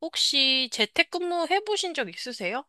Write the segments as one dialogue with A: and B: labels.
A: 혹시 재택근무 해보신 적 있으세요?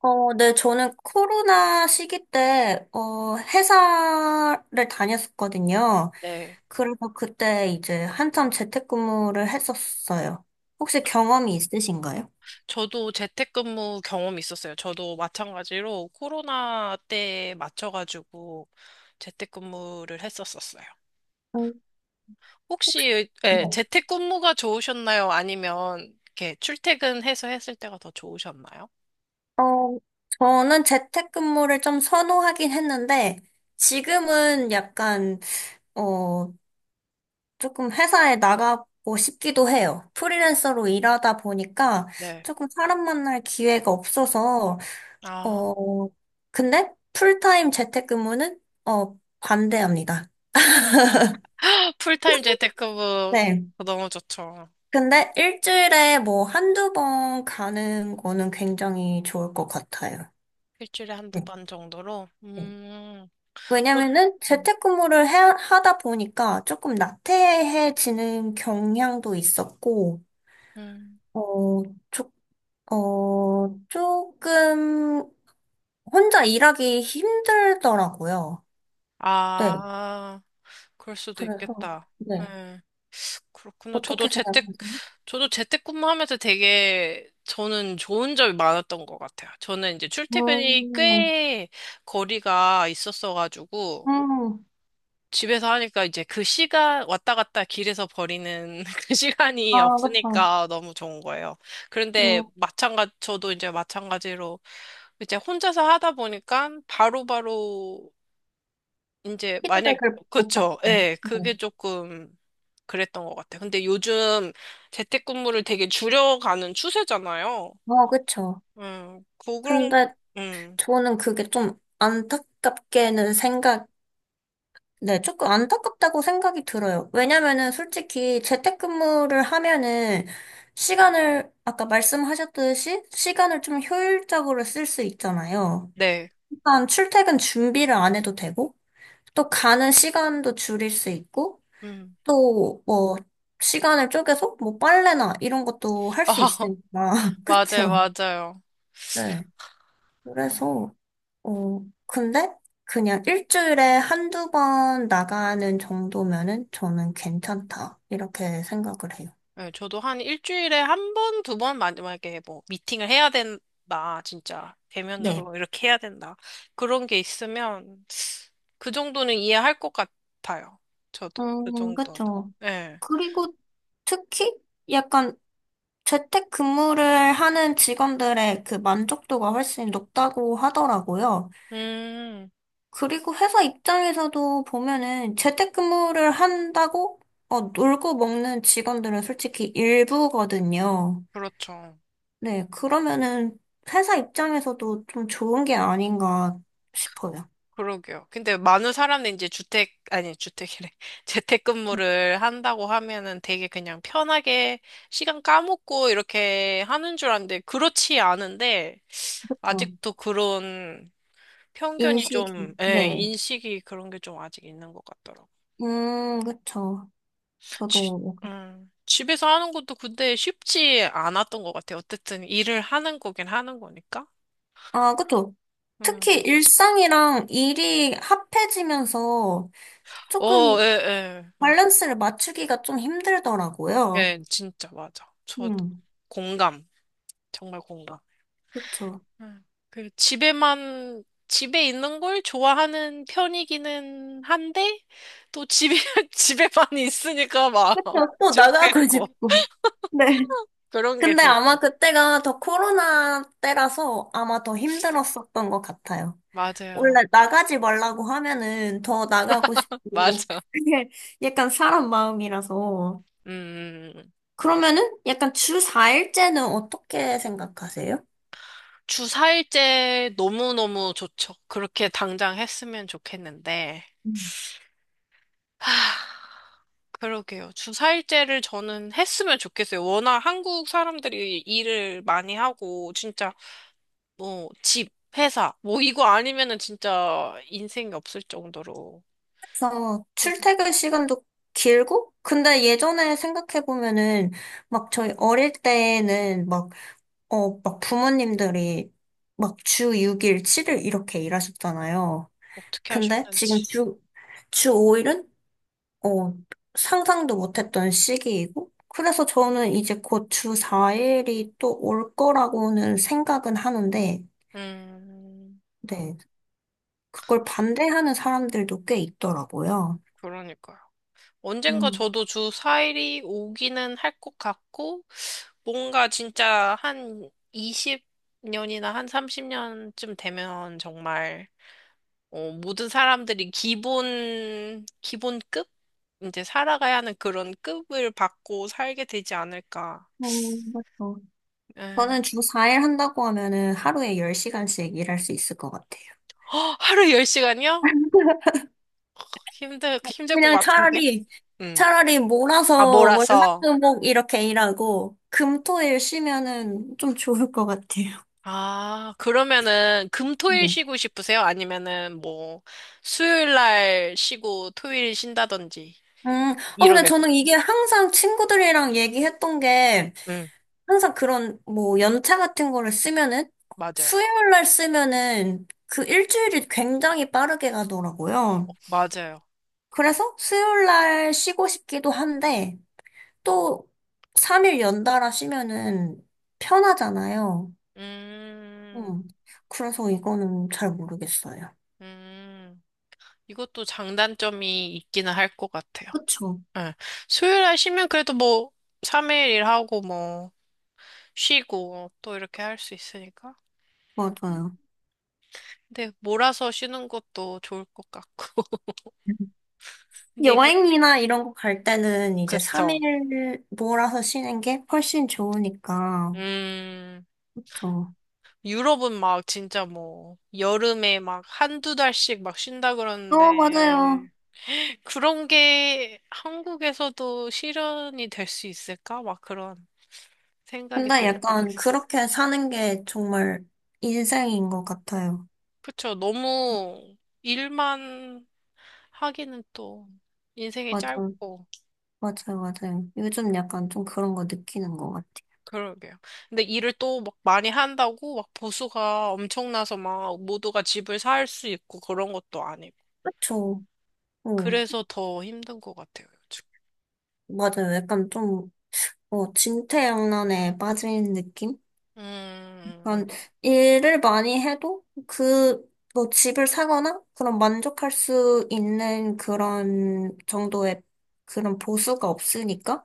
B: 네, 저는 코로나 시기 때, 회사를 다녔었거든요.
A: 네.
B: 그래서 그때 이제 한참 재택근무를 했었어요. 혹시 경험이 있으신가요?
A: 저도 재택근무 경험 있었어요. 저도 마찬가지로 코로나 때 맞춰가지고 재택근무를 했었었어요.
B: 음,
A: 혹시
B: 네.
A: 예, 재택근무가 좋으셨나요? 아니면 이렇게 출퇴근해서 했을 때가 더 좋으셨나요?
B: 어, 저는 재택근무를 좀 선호하긴 했는데, 지금은 약간, 어, 조금 회사에 나가고 싶기도 해요. 프리랜서로 일하다 보니까
A: 네.
B: 조금 사람 만날 기회가 없어서,
A: 아,
B: 어, 근데 풀타임 재택근무는 반대합니다.
A: 풀타임 재택근무
B: 네.
A: 너무 좋죠.
B: 근데 일주일에 뭐 한두 번 가는 거는 굉장히 좋을 것 같아요.
A: 일주일에 한두
B: 네.
A: 번 정도로.
B: 네.
A: 음. 저-
B: 왜냐면은
A: 음.
B: 재택근무를 하다 보니까 조금 나태해지는 경향도 있었고,
A: 음.
B: 어, 조, 조금 혼자 일하기 힘들더라고요. 네.
A: 아. 그럴 수도
B: 그래서,
A: 있겠다.
B: 네.
A: 예, 그렇구나.
B: 어떻게 생각하세요?
A: 저도 재택근무하면서 되게 저는 좋은 점이 많았던 것 같아요. 저는 이제 출퇴근이
B: 어,
A: 꽤 거리가 있었어가지고
B: 음,
A: 집에서 하니까 이제 그 시간 왔다 갔다 길에서 버리는 그 시간이
B: 아, 그쵸.
A: 없으니까 너무 좋은 거예요. 그런데
B: 음,
A: 마찬가지, 저도 이제 마찬가지로 이제 혼자서 하다 보니까 바로바로 이제 만약
B: 피드백을 못
A: 그쵸.
B: 받고.
A: 예,
B: 네.
A: 그게 조금 그랬던 것 같아. 근데 요즘 재택근무를 되게 줄여가는 추세잖아요.
B: 어, 그쵸.
A: 그런,
B: 근데
A: 음,
B: 저는 그게 좀 안타깝게는 생각, 네, 조금 안타깝다고 생각이 들어요. 왜냐면은 솔직히 재택근무를 하면은 시간을, 아까 말씀하셨듯이 시간을 좀 효율적으로 쓸 수 있잖아요.
A: 네.
B: 일단 출퇴근 준비를 안 해도 되고, 또 가는 시간도 줄일 수 있고,
A: 음.
B: 또, 뭐, 시간을 쪼개서, 뭐, 빨래나 이런 것도 할 수
A: 아,
B: 있으니까.
A: 맞아요,
B: 그쵸?
A: 맞아요.
B: 네. 그래서, 어, 근데, 그냥 일주일에 한두 번 나가는 정도면은 저는 괜찮다. 이렇게 생각을 해요.
A: 네, 저도 한 일주일에 한 번, 두 번, 만약에 뭐, 미팅을 해야 된다, 진짜.
B: 네.
A: 대면으로 이렇게 해야 된다. 그런 게 있으면, 그 정도는 이해할 것 같아요. 저도. 그 정도는.
B: 그쵸.
A: 네.
B: 그리고 특히 약간 재택근무를 하는 직원들의 그 만족도가 훨씬 높다고 하더라고요.
A: 음,
B: 그리고 회사 입장에서도 보면은 재택근무를 한다고 놀고 먹는 직원들은 솔직히 일부거든요.
A: 그렇죠.
B: 네, 그러면은 회사 입장에서도 좀 좋은 게 아닌가 싶어요.
A: 그러게요. 근데 많은 사람들이 이제 주택, 아니, 주택이래. 재택근무를 한다고 하면은 되게 그냥 편하게 시간 까먹고 이렇게 하는 줄 아는데, 그렇지 않은데,
B: 어,
A: 아직도 그런 편견이
B: 인식이.
A: 좀, 예,
B: 네.
A: 인식이 그런 게 좀 아직 있는 것 같더라고.
B: 그쵸.
A: 집,
B: 저도.
A: 집에서 하는 것도 근데 쉽지 않았던 것 같아요. 어쨌든 일을 하는 거긴 하는 거니까.
B: 아, 그쵸.
A: 음.
B: 특히 일상이랑 일이 합해지면서
A: 어,
B: 조금
A: 예, 예, 맞아.
B: 밸런스를 맞추기가 좀 힘들더라고요.
A: 예, 진짜 맞아. 저도
B: 음,
A: 공감. 정말 공감.
B: 그쵸.
A: 음, 그 집에만 집에 있는 걸 좋아하는 편이기는 한데 또 집에 집에만 있으니까 막
B: 그쵸, 또 나가고
A: 좋겠고
B: 싶고. 네.
A: 그런 게
B: 근데
A: 진-
B: 아마 그때가 더 코로나 때라서 아마 더 힘들었었던 것 같아요.
A: 맞아요.
B: 원래 나가지 말라고 하면은 더 나가고 싶고,
A: 맞아.
B: 그게 약간 사람 마음이라서.
A: 음. 음, 음.
B: 그러면은 약간 주 4일째는 어떻게 생각하세요?
A: 주 4일째 너무너무 좋죠. 그렇게 당장 했으면 좋겠는데.
B: 음.
A: 하, 그러게요. 주 4일째를 저는 했으면 좋겠어요. 워낙 한국 사람들이 일을 많이 하고 진짜 뭐, 집, 회사, 뭐, 이거 아니면은 진짜 인생이 없을 정도로.
B: 그래서
A: 그,
B: 출퇴근 시간도 길고, 근데 예전에 생각해보면은 막 저희 어릴 때는 막 막 부모님들이 막 주 6일, 7일 이렇게 일하셨잖아요.
A: 어떻게
B: 근데 지금
A: 하셨는지.
B: 주 5일은, 어, 상상도 못했던 시기이고, 그래서 저는 이제 곧 주 4일이 또 올 거라고는 생각은 하는데,
A: 음,
B: 네, 그걸 반대하는 사람들도 꽤 있더라고요.
A: 그러니까요. 언젠가
B: 음,
A: 저도 주 4일이 오기는 할 것 같고, 뭔가 진짜 한 20년이나 한 30년쯤 되면 정말, 어, 모든 사람들이 기본급? 이제 살아가야 하는 그런 급을 받고 살게 되지 않을까.
B: 맞죠.
A: 예.
B: 저는 주 4일 한다고 하면은 하루에 10시간씩 일할 수 있을 것 같아요.
A: 허, 하루 10시간이요? 힘들 것
B: 그냥
A: 같은데? 응.
B: 차라리
A: 아,
B: 몰아서
A: 몰아서.
B: 월화수목 이렇게 일하고, 금토일 쉬면은 좀 좋을 것 같아요.
A: 아, 그러면은 금토일
B: 네.
A: 쉬고 싶으세요? 아니면은 뭐 수요일 날 쉬고 토요일 쉰다든지 이런
B: 근데
A: 게.
B: 저는 이게 항상 친구들이랑 얘기했던 게,
A: 응,
B: 항상 그런, 뭐, 연차 같은 거를 쓰면은,
A: 맞아요.
B: 수요일 날 쓰면은, 그 일주일이 굉장히 빠르게 가더라고요.
A: 맞아요.
B: 그래서 수요일 날 쉬고 싶기도 한데, 또, 3일 연달아 쉬면은 편하잖아요.
A: 음,
B: 음. 그래서 이거는 잘 모르겠어요.
A: 음. 이것도 장단점이 있기는 할 것 같아요.
B: 그쵸?
A: 응. 수요일 날 쉬면 그래도 뭐 3일 일하고 뭐 쉬고 또 이렇게 할 수 있으니까.
B: 맞아요.
A: 근데 몰아서 쉬는 것도 좋을 것 같고. 근데 이걸
B: 여행이나 이런 거 갈 때는 이제
A: 그쵸.
B: 3일 몰아서 쉬는 게 훨씬 좋으니까.
A: 음,
B: 그쵸.
A: 유럽은 막 진짜 뭐, 여름에 막 한두 달씩 막 쉰다 그러는데,
B: 맞아요.
A: 그런 게 한국에서도 실현이 될 수 있을까? 막 그런 생각이
B: 근데
A: 들 때도
B: 약간
A: 있어.
B: 그렇게 사는 게 정말 인생인 것 같아요.
A: 그쵸. 너무 일만 하기는 또 인생이
B: 맞아요.
A: 짧고,
B: 맞아요. 맞아요. 요즘 약간 좀 그런 거 느끼는 것 같아요.
A: 그러게요. 근데 일을 또 막 많이 한다고 막 보수가 엄청나서 막 모두가 집을 살 수 있고 그런 것도 아니고
B: 그쵸. 어,
A: 그래서 더 힘든 것 같아요, 요즘.
B: 맞아요. 약간 좀, 진퇴양난에 빠진 느낌?
A: 음,
B: 그런 일을 많이 해도 그, 뭐 집을 사거나 그런 만족할 수 있는 그런 정도의 그런 보수가 없으니까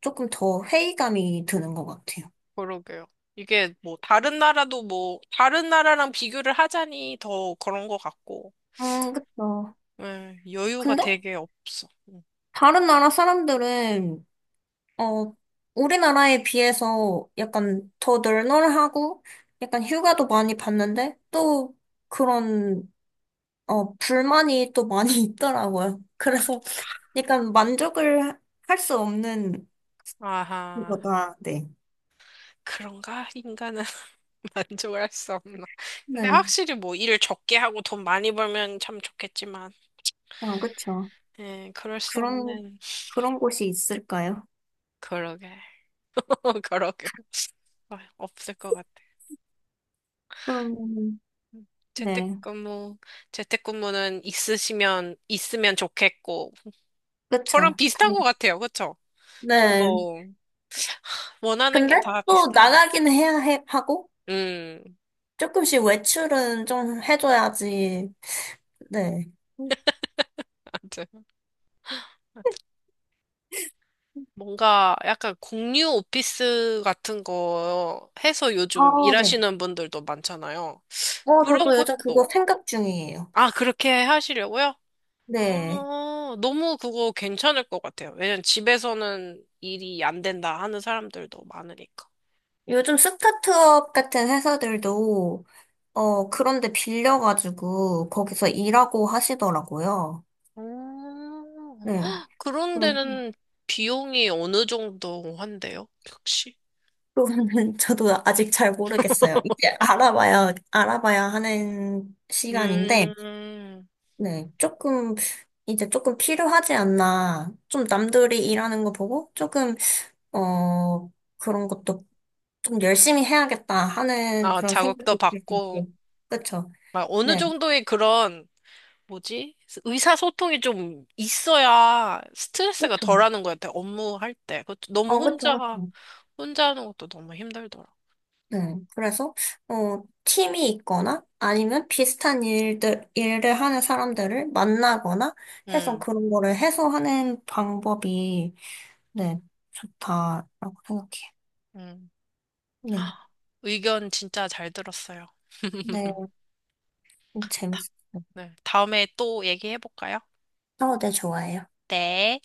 B: 조금 더 회의감이 드는 것 같아요.
A: 그러게요. 이게 뭐, 다른 나라도 뭐, 다른 나라랑 비교를 하자니 더 그런 것 같고,
B: 그쵸.
A: 여유가
B: 근데
A: 되게 없어. 음.
B: 다른 나라 사람들은, 어, 우리나라에 비해서 약간 더 널널하고 약간 휴가도 많이 받는데 또 그런, 불만이 또 많이 있더라고요. 그래서 약간 만족을 할 수 없는
A: 아하,
B: 거다. 네.
A: 그런가? 인간은 만족할 수 없나. 근데
B: 네.
A: 확실히 뭐, 일을 적게 하고 돈 많이 벌면 참 좋겠지만,
B: 아, 그쵸.
A: 예, 그럴 수
B: 그런,
A: 없는.
B: 그런 곳이 있을까요?
A: 그러게. 그러게. 아, 없을 것 같아.
B: 그럼, 네.
A: 재택근무, 재택근무는 있으면 좋겠고,
B: 그쵸.
A: 저랑 비슷한 것 같아요. 그쵸?
B: 네.
A: 저도 원하는 게
B: 근데
A: 다
B: 또
A: 비슷한.
B: 나가긴 해야 하고,
A: 음,
B: 조금씩 외출은 좀 해줘야지. 네.
A: 맞아. 뭔가 약간 공유 오피스 같은 거 해서 요즘
B: 아, 네.
A: 일하시는 분들도 많잖아요. 그런
B: 저도 요즘 그거
A: 것도.
B: 생각 중이에요.
A: 아, 그렇게 하시려고요?
B: 네.
A: 아, 너무 그거 괜찮을 것 같아요. 왜냐면 집에서는 일이 안 된다 하는 사람들도 많으니까.
B: 요즘 스타트업 같은 회사들도, 그런데 빌려가지고 거기서 일하고 하시더라고요.
A: 음,
B: 네.
A: 그런
B: 그래서
A: 데는 비용이 어느 정도 한대요? 혹시?
B: 그거는 저도 아직 잘 모르겠어요. 이제 알아봐야 하는 시간인데,
A: 음,
B: 네. 조금, 이제 조금 필요하지 않나. 좀 남들이 일하는 거 보고, 조금, 어, 그런 것도 좀 열심히 해야겠다 하는
A: 아,
B: 그런
A: 자극도
B: 생각도
A: 받고,
B: 들고, 그쵸.
A: 막 어느
B: 네.
A: 정도의 그런, 뭐지? 의사소통이 좀 있어야 스트레스가
B: 그쵸.
A: 덜하는 것 같아, 업무할 때. 그것도 너무
B: 그쵸,
A: 혼자,
B: 그쵸.
A: 혼자 하는 것도 너무 힘들더라.
B: 네, 그래서, 팀이 있거나 아니면 비슷한 일들, 일을 하는 사람들을 만나거나 해서
A: 음,
B: 그런 거를 해소하는 방법이, 네, 좋다라고 생각해요.
A: 음.
B: 네,
A: 헉, 의견 진짜 잘 들었어요.
B: 네, 재밌어요.
A: 네, 다음에 또 얘기해볼까요?
B: 네, 좋아해요.
A: 네.